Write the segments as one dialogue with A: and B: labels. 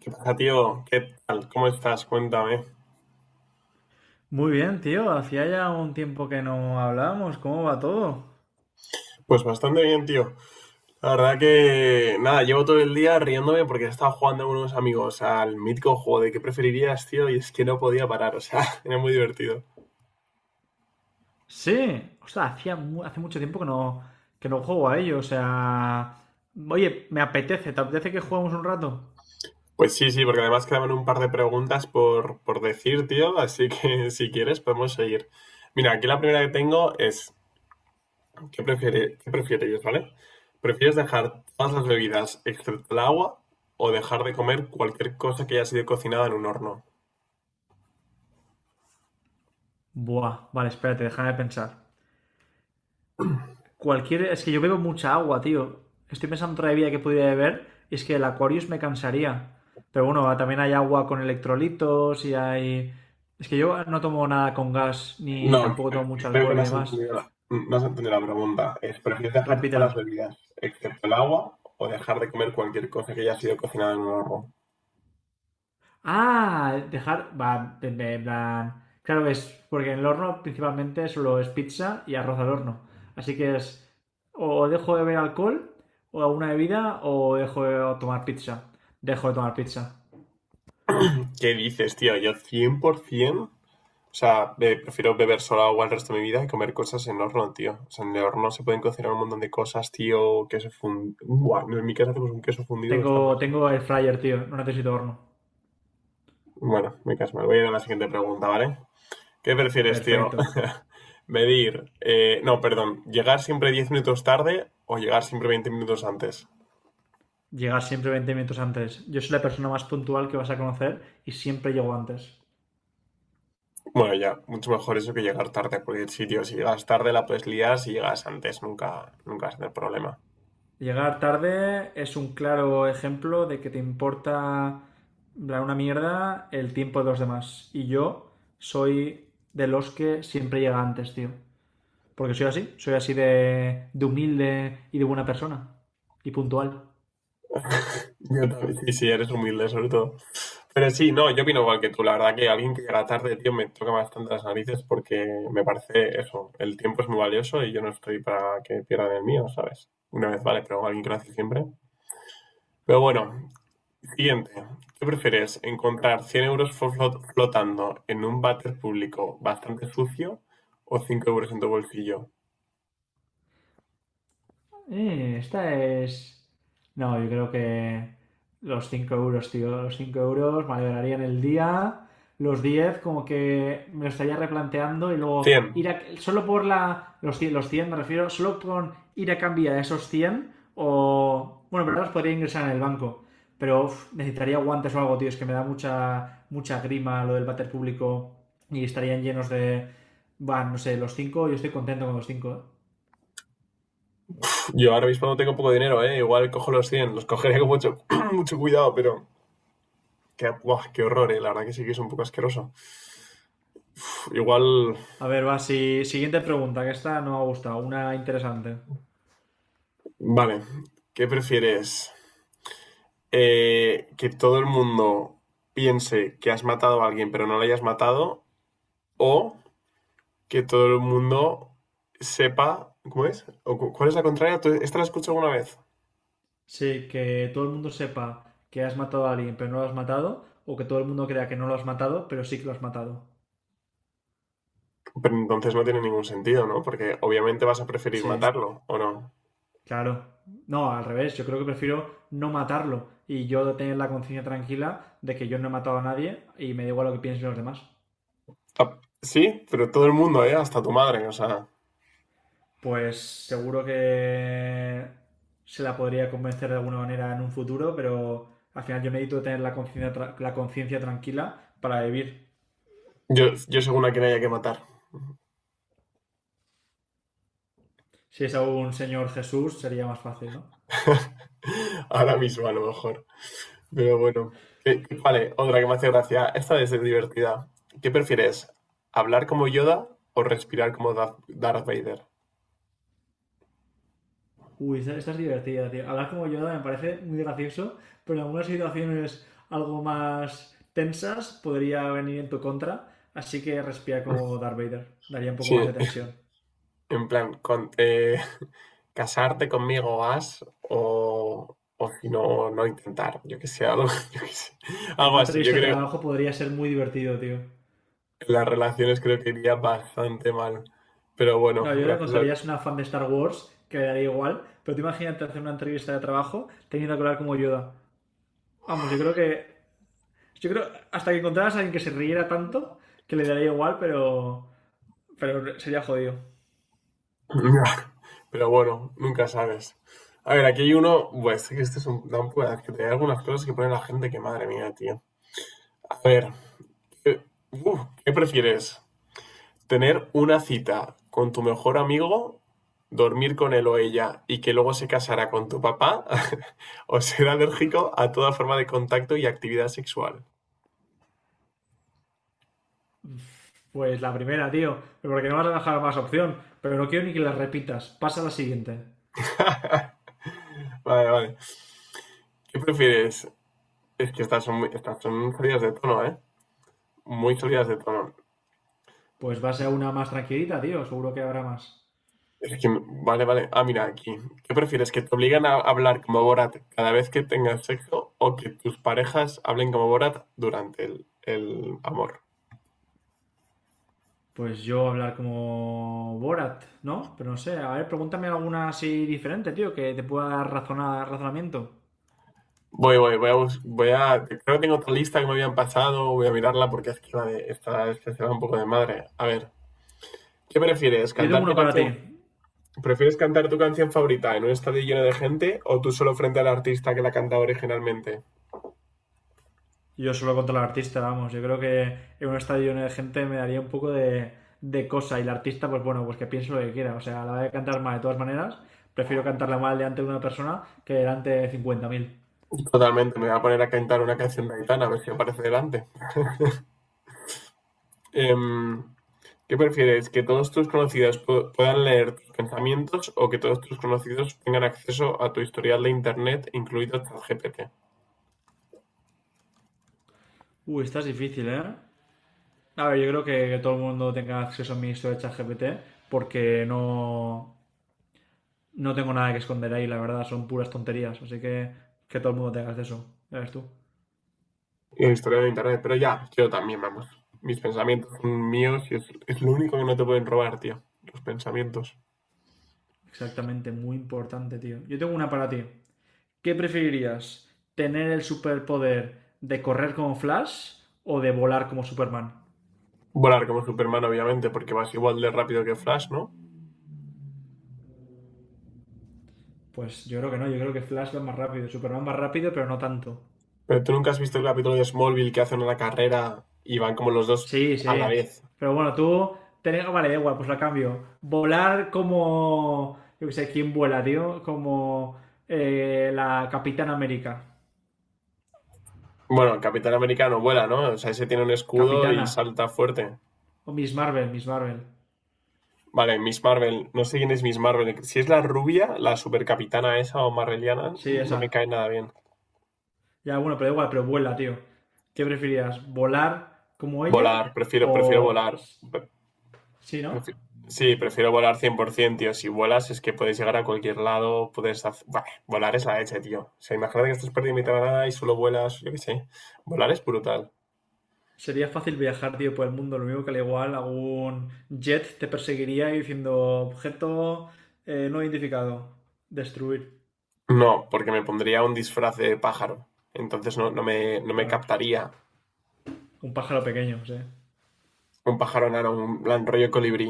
A: ¿Qué pasa, tío? ¿Qué tal? ¿Cómo estás? Cuéntame.
B: Muy bien, tío. Hacía ya un tiempo que no hablábamos. ¿Cómo va todo?
A: Pues bastante bien, tío. La verdad que, nada, llevo todo el día riéndome porque he estado jugando con unos amigos al mítico juego de qué preferirías, tío, y es que no podía parar, o sea, era muy divertido.
B: Sí. O sea, hace mucho tiempo que no juego a ello. O sea... Oye, me apetece. ¿Te apetece que juguemos un rato?
A: Pues sí, sí, porque además quedaban un par de preguntas por decir, tío, así que si quieres podemos seguir. Mira, aquí la primera que tengo es, ¿qué prefieres, ¿vale? ¿Prefieres dejar todas las bebidas excepto el agua o dejar de comer cualquier cosa que haya sido cocinada en un horno?
B: Buah, vale, espérate, déjame pensar. Cualquier... Es que yo bebo mucha agua, tío. Estoy pensando otra bebida que pudiera beber y es que el Aquarius me cansaría. Pero bueno, también hay agua con electrolitos y hay... Es que yo no tomo nada con gas ni
A: No,
B: tampoco tomo mucho
A: creo que
B: alcohol y demás.
A: no has entendido la pregunta. Es, ¿prefieres dejar
B: Repítela.
A: todas las bebidas, excepto el agua, o dejar de comer cualquier cosa que haya sido cocinada en un horno?
B: Ah, dejar. Va, en plan. Claro es. Porque en el horno principalmente solo es pizza y arroz al horno. Así que es. O dejo de beber alcohol, o alguna bebida, o dejo de tomar pizza. Dejo de tomar pizza.
A: ¿Qué dices, tío? Yo 100%, o sea, prefiero beber solo agua el resto de mi vida y comer cosas en horno, tío. O sea, en el horno se pueden cocinar un montón de cosas, tío, queso fundido. En mi casa hacemos un queso fundido que está muy...
B: Tengo el fryer, tío. No necesito horno.
A: Bueno, me caso, me voy a ir a la siguiente pregunta, ¿vale? ¿Qué prefieres, tío?
B: Perfecto.
A: Medir, no, perdón, llegar siempre 10 minutos tarde o llegar siempre 20 minutos antes.
B: Llegar siempre 20 minutos antes. Yo soy la persona más puntual que vas a conocer y siempre llego antes.
A: Bueno, ya, mucho mejor eso que llegar tarde, porque sí, tío, si llegas tarde la puedes liar, si llegas antes nunca, nunca vas a tener problema.
B: Llegar tarde es un claro ejemplo de que te importa una mierda el tiempo de los demás. Y yo soy de los que siempre llega antes, tío. Porque soy así de humilde y de buena persona. Y puntual.
A: Yo también. Y si eres humilde, sobre todo. Pero sí, no, yo opino igual que tú. La verdad que alguien que llega tarde, tío, me toca bastante las narices porque me parece eso. El tiempo es muy valioso y yo no estoy para que pierdan el mío, ¿sabes? Una vez vale, pero alguien que lo hace siempre. Pero bueno, siguiente. ¿Qué prefieres? ¿Encontrar 100 euros flotando en un váter público bastante sucio o 5 euros en tu bolsillo?
B: Esta es... No, yo creo que los 5 euros, tío. Los 5 euros me alegrarían el día. Los 10 como que me lo estaría replanteando y luego
A: Cien.
B: ir a... Solo por la... Los cien me refiero. Solo con ir a cambiar esos 100 o... Bueno, pero los podría ingresar en el banco. Pero uf, necesitaría guantes o algo, tío. Es que me da mucha, mucha grima lo del váter público y estarían llenos de... Van, no sé, los cinco. Yo estoy contento con los 5.
A: Pf, yo ahora mismo no tengo poco dinero, ¿eh? Igual cojo los cien. Los cogería con mucho, mucho cuidado, pero... Qué, buah, qué horror, ¿eh? La verdad que sí que es un poco asqueroso. Pf, igual...
B: A ver, va, siguiente pregunta, que esta no me ha gustado, una interesante.
A: Vale. ¿Qué prefieres? ¿Que todo el mundo piense que has matado a alguien pero no lo hayas matado? ¿O que todo el mundo sepa, ¿cómo es? ¿Cuál es la contraria? ¿Esta la escucho alguna vez?
B: Sí, que todo el mundo sepa que has matado a alguien pero no lo has matado, o que todo el mundo crea que no lo has matado pero sí que lo has matado.
A: Pero entonces no tiene ningún sentido, ¿no? Porque obviamente vas a preferir
B: Sí,
A: matarlo, ¿o no?
B: claro. No, al revés, yo creo que prefiero no matarlo y yo tener la conciencia tranquila de que yo no he matado a nadie y me da igual lo que piensen los demás.
A: Ah, sí, pero todo el mundo, ¿eh? Hasta tu madre, o sea.
B: Pues seguro que se la podría convencer de alguna manera en un futuro, pero al final yo necesito tener la conciencia tranquila para vivir.
A: Yo según a quien haya que matar.
B: Si es algún señor Jesús, sería más fácil, ¿no?
A: Ahora mismo, a lo mejor. Pero bueno. Vale, otra que me hace gracia. Esta es de divertida. ¿Qué prefieres? ¿Hablar como Yoda o respirar como Darth Vader?
B: Uy, esta es divertida, tío. Hablar como Yoda me parece muy gracioso, pero en algunas situaciones algo más tensas podría venir en tu contra, así que respira como Darth Vader. Daría un poco
A: Sí,
B: más de tensión.
A: en plan, con, casarte conmigo vas o si no, no intentar, yo que sé, algo, yo que sé,
B: En
A: algo
B: una
A: así. Yo
B: entrevista de
A: creo que
B: trabajo podría ser muy divertido, tío.
A: las relaciones creo que iría bastante mal. Pero bueno,
B: No, yo le
A: gracias a...
B: contarías una fan de Star Wars que le daría igual, pero tú imagínate hacer una entrevista de trabajo teniendo que hablar como Yoda. Vamos, yo creo que. Yo creo hasta que encontraras a alguien que se riera tanto que le daría igual, pero sería jodido.
A: Pero bueno, nunca sabes. A ver, aquí hay uno, pues que este es un da un pueda- que te hay algunas cosas que pone la gente que madre mía, tío. A ver, eh, uf, ¿qué prefieres? Tener una cita con tu mejor amigo, dormir con él o ella y que luego se casará con tu papá o ser alérgico a toda forma de contacto y actividad sexual.
B: Pues la primera, tío. Pero porque no vas a dejar más opción. Pero no quiero ni que la repitas. Pasa a la siguiente.
A: Vale, vale. ¿Qué prefieres? Es que estas son, muy, estas son salidas de tono, ¿eh? Muy salidas de tono.
B: Pues va a ser una más tranquilita, tío. Seguro que habrá más.
A: Es que, vale, vale. Ah, mira, aquí. ¿Qué prefieres? ¿Que te obligan a hablar como Borat cada vez que tengas sexo o que tus parejas hablen como Borat durante el amor?
B: Pues yo hablar como Borat, ¿no? Pero no sé. A ver, pregúntame alguna así diferente, tío, que te pueda dar razonamiento.
A: Voy a. Creo que tengo otra lista que me habían pasado. Voy a mirarla porque es que la de esta, esta se va un poco de madre. A ver, ¿qué prefieres?
B: Yo tengo
A: ¿Cantar tu
B: uno para
A: canción?
B: ti.
A: ¿Prefieres cantar tu canción favorita en un estadio lleno de gente o tú solo frente al artista que la cantaba originalmente?
B: Yo solo contra el artista, vamos. Yo creo que en un estadio lleno de gente me daría un poco de cosa y el artista, pues bueno, pues que piense lo que quiera. O sea, a la hora de cantar mal de todas maneras, prefiero cantarla mal delante de una persona que delante de 50.000.
A: Totalmente, me voy a poner a cantar una canción de Aitana a ver si aparece delante. Em, ¿Qué prefieres? ¿Que todos tus conocidos puedan leer tus pensamientos o que todos tus conocidos tengan acceso a tu historial de internet, incluido ChatGPT?
B: Uy, esta es difícil, ¿eh? A ver, yo creo que todo el mundo tenga acceso a mi historia de ChatGPT porque no tengo nada que esconder ahí, la verdad, son puras tonterías. Así que todo el mundo tenga acceso. Ya ves tú.
A: Historiador de internet, pero ya, yo también, vamos. Mis pensamientos son míos y es lo único que no te pueden robar, tío. Los pensamientos.
B: Exactamente, muy importante, tío. Yo tengo una para ti. ¿Qué preferirías? ¿Tener el superpoder de correr como Flash o de volar como Superman?
A: Volar como Superman, obviamente, porque vas igual de rápido que Flash, ¿no?
B: Pues yo creo que no, yo creo que Flash va más rápido, Superman más rápido, pero no tanto.
A: Pero tú nunca has visto el capítulo de Smallville que hacen una carrera y van como los dos
B: Sí,
A: a
B: sí.
A: la vez.
B: Pero bueno, tú... Vale, da igual, pues la cambio. Volar como... Yo qué sé, ¿quién vuela, tío? Como la Capitana América.
A: Bueno, el Capitán Americano vuela, ¿no? O sea, ese tiene un escudo y
B: Capitana.
A: salta fuerte.
B: O Miss Marvel, Miss Marvel.
A: Vale, Miss Marvel. No sé quién es Miss Marvel. Si es la rubia, la supercapitana esa o marveliana,
B: Sí,
A: no
B: esa.
A: me cae nada bien.
B: Ya, bueno, pero da igual, pero vuela, tío. ¿Qué preferirías? ¿Volar como ella
A: Volar, prefiero
B: o...
A: volar.
B: Sí, ¿no?
A: Prefi- Sí, prefiero volar 100%, tío. Si vuelas es que puedes llegar a cualquier lado, puedes hacer... Bah, volar es la leche, tío. O sea, imagínate que estás perdido en mitad de la nada y solo vuelas, yo qué sé. Volar es brutal.
B: Sería fácil viajar, tío, por el mundo. Lo mismo que al igual algún jet te perseguiría y diciendo objeto no identificado. Destruir.
A: No, porque me pondría un disfraz de pájaro. Entonces no me
B: Claro.
A: captaría
B: Un pájaro pequeño, sí.
A: un pájaro enano, un plan rollo colibrí.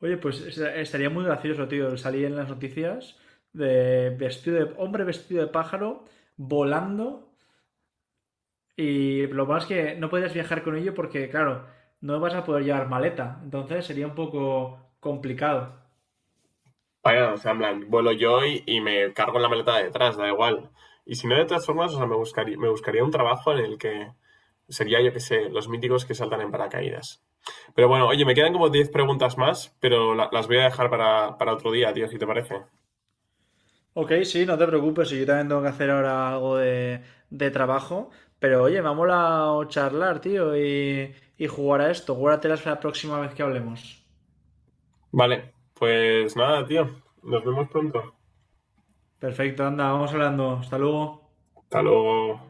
B: Oye, pues estaría muy gracioso, tío, salir en las noticias de vestido de hombre vestido de pájaro volando y lo más que no puedes viajar con ello porque, claro, no vas a poder llevar maleta. Entonces sería un poco complicado.
A: Vaya, o sea, en plan, vuelo yo y me cargo en la maleta de detrás, da igual. Y si no, de todas formas, o sea, me buscaría un trabajo en el que sería, yo qué sé, los míticos que saltan en paracaídas. Pero bueno, oye, me quedan como 10 preguntas más, pero las voy a dejar para otro día, tío, si te parece.
B: Ok, sí, no te preocupes, si yo también tengo que hacer ahora algo de trabajo, pero oye, me ha molado charlar, tío, y jugar a esto, guárdatelas para la próxima vez que hablemos.
A: Vale, pues nada, tío. Nos vemos pronto.
B: Perfecto, anda, vamos hablando, hasta luego.
A: Hasta luego.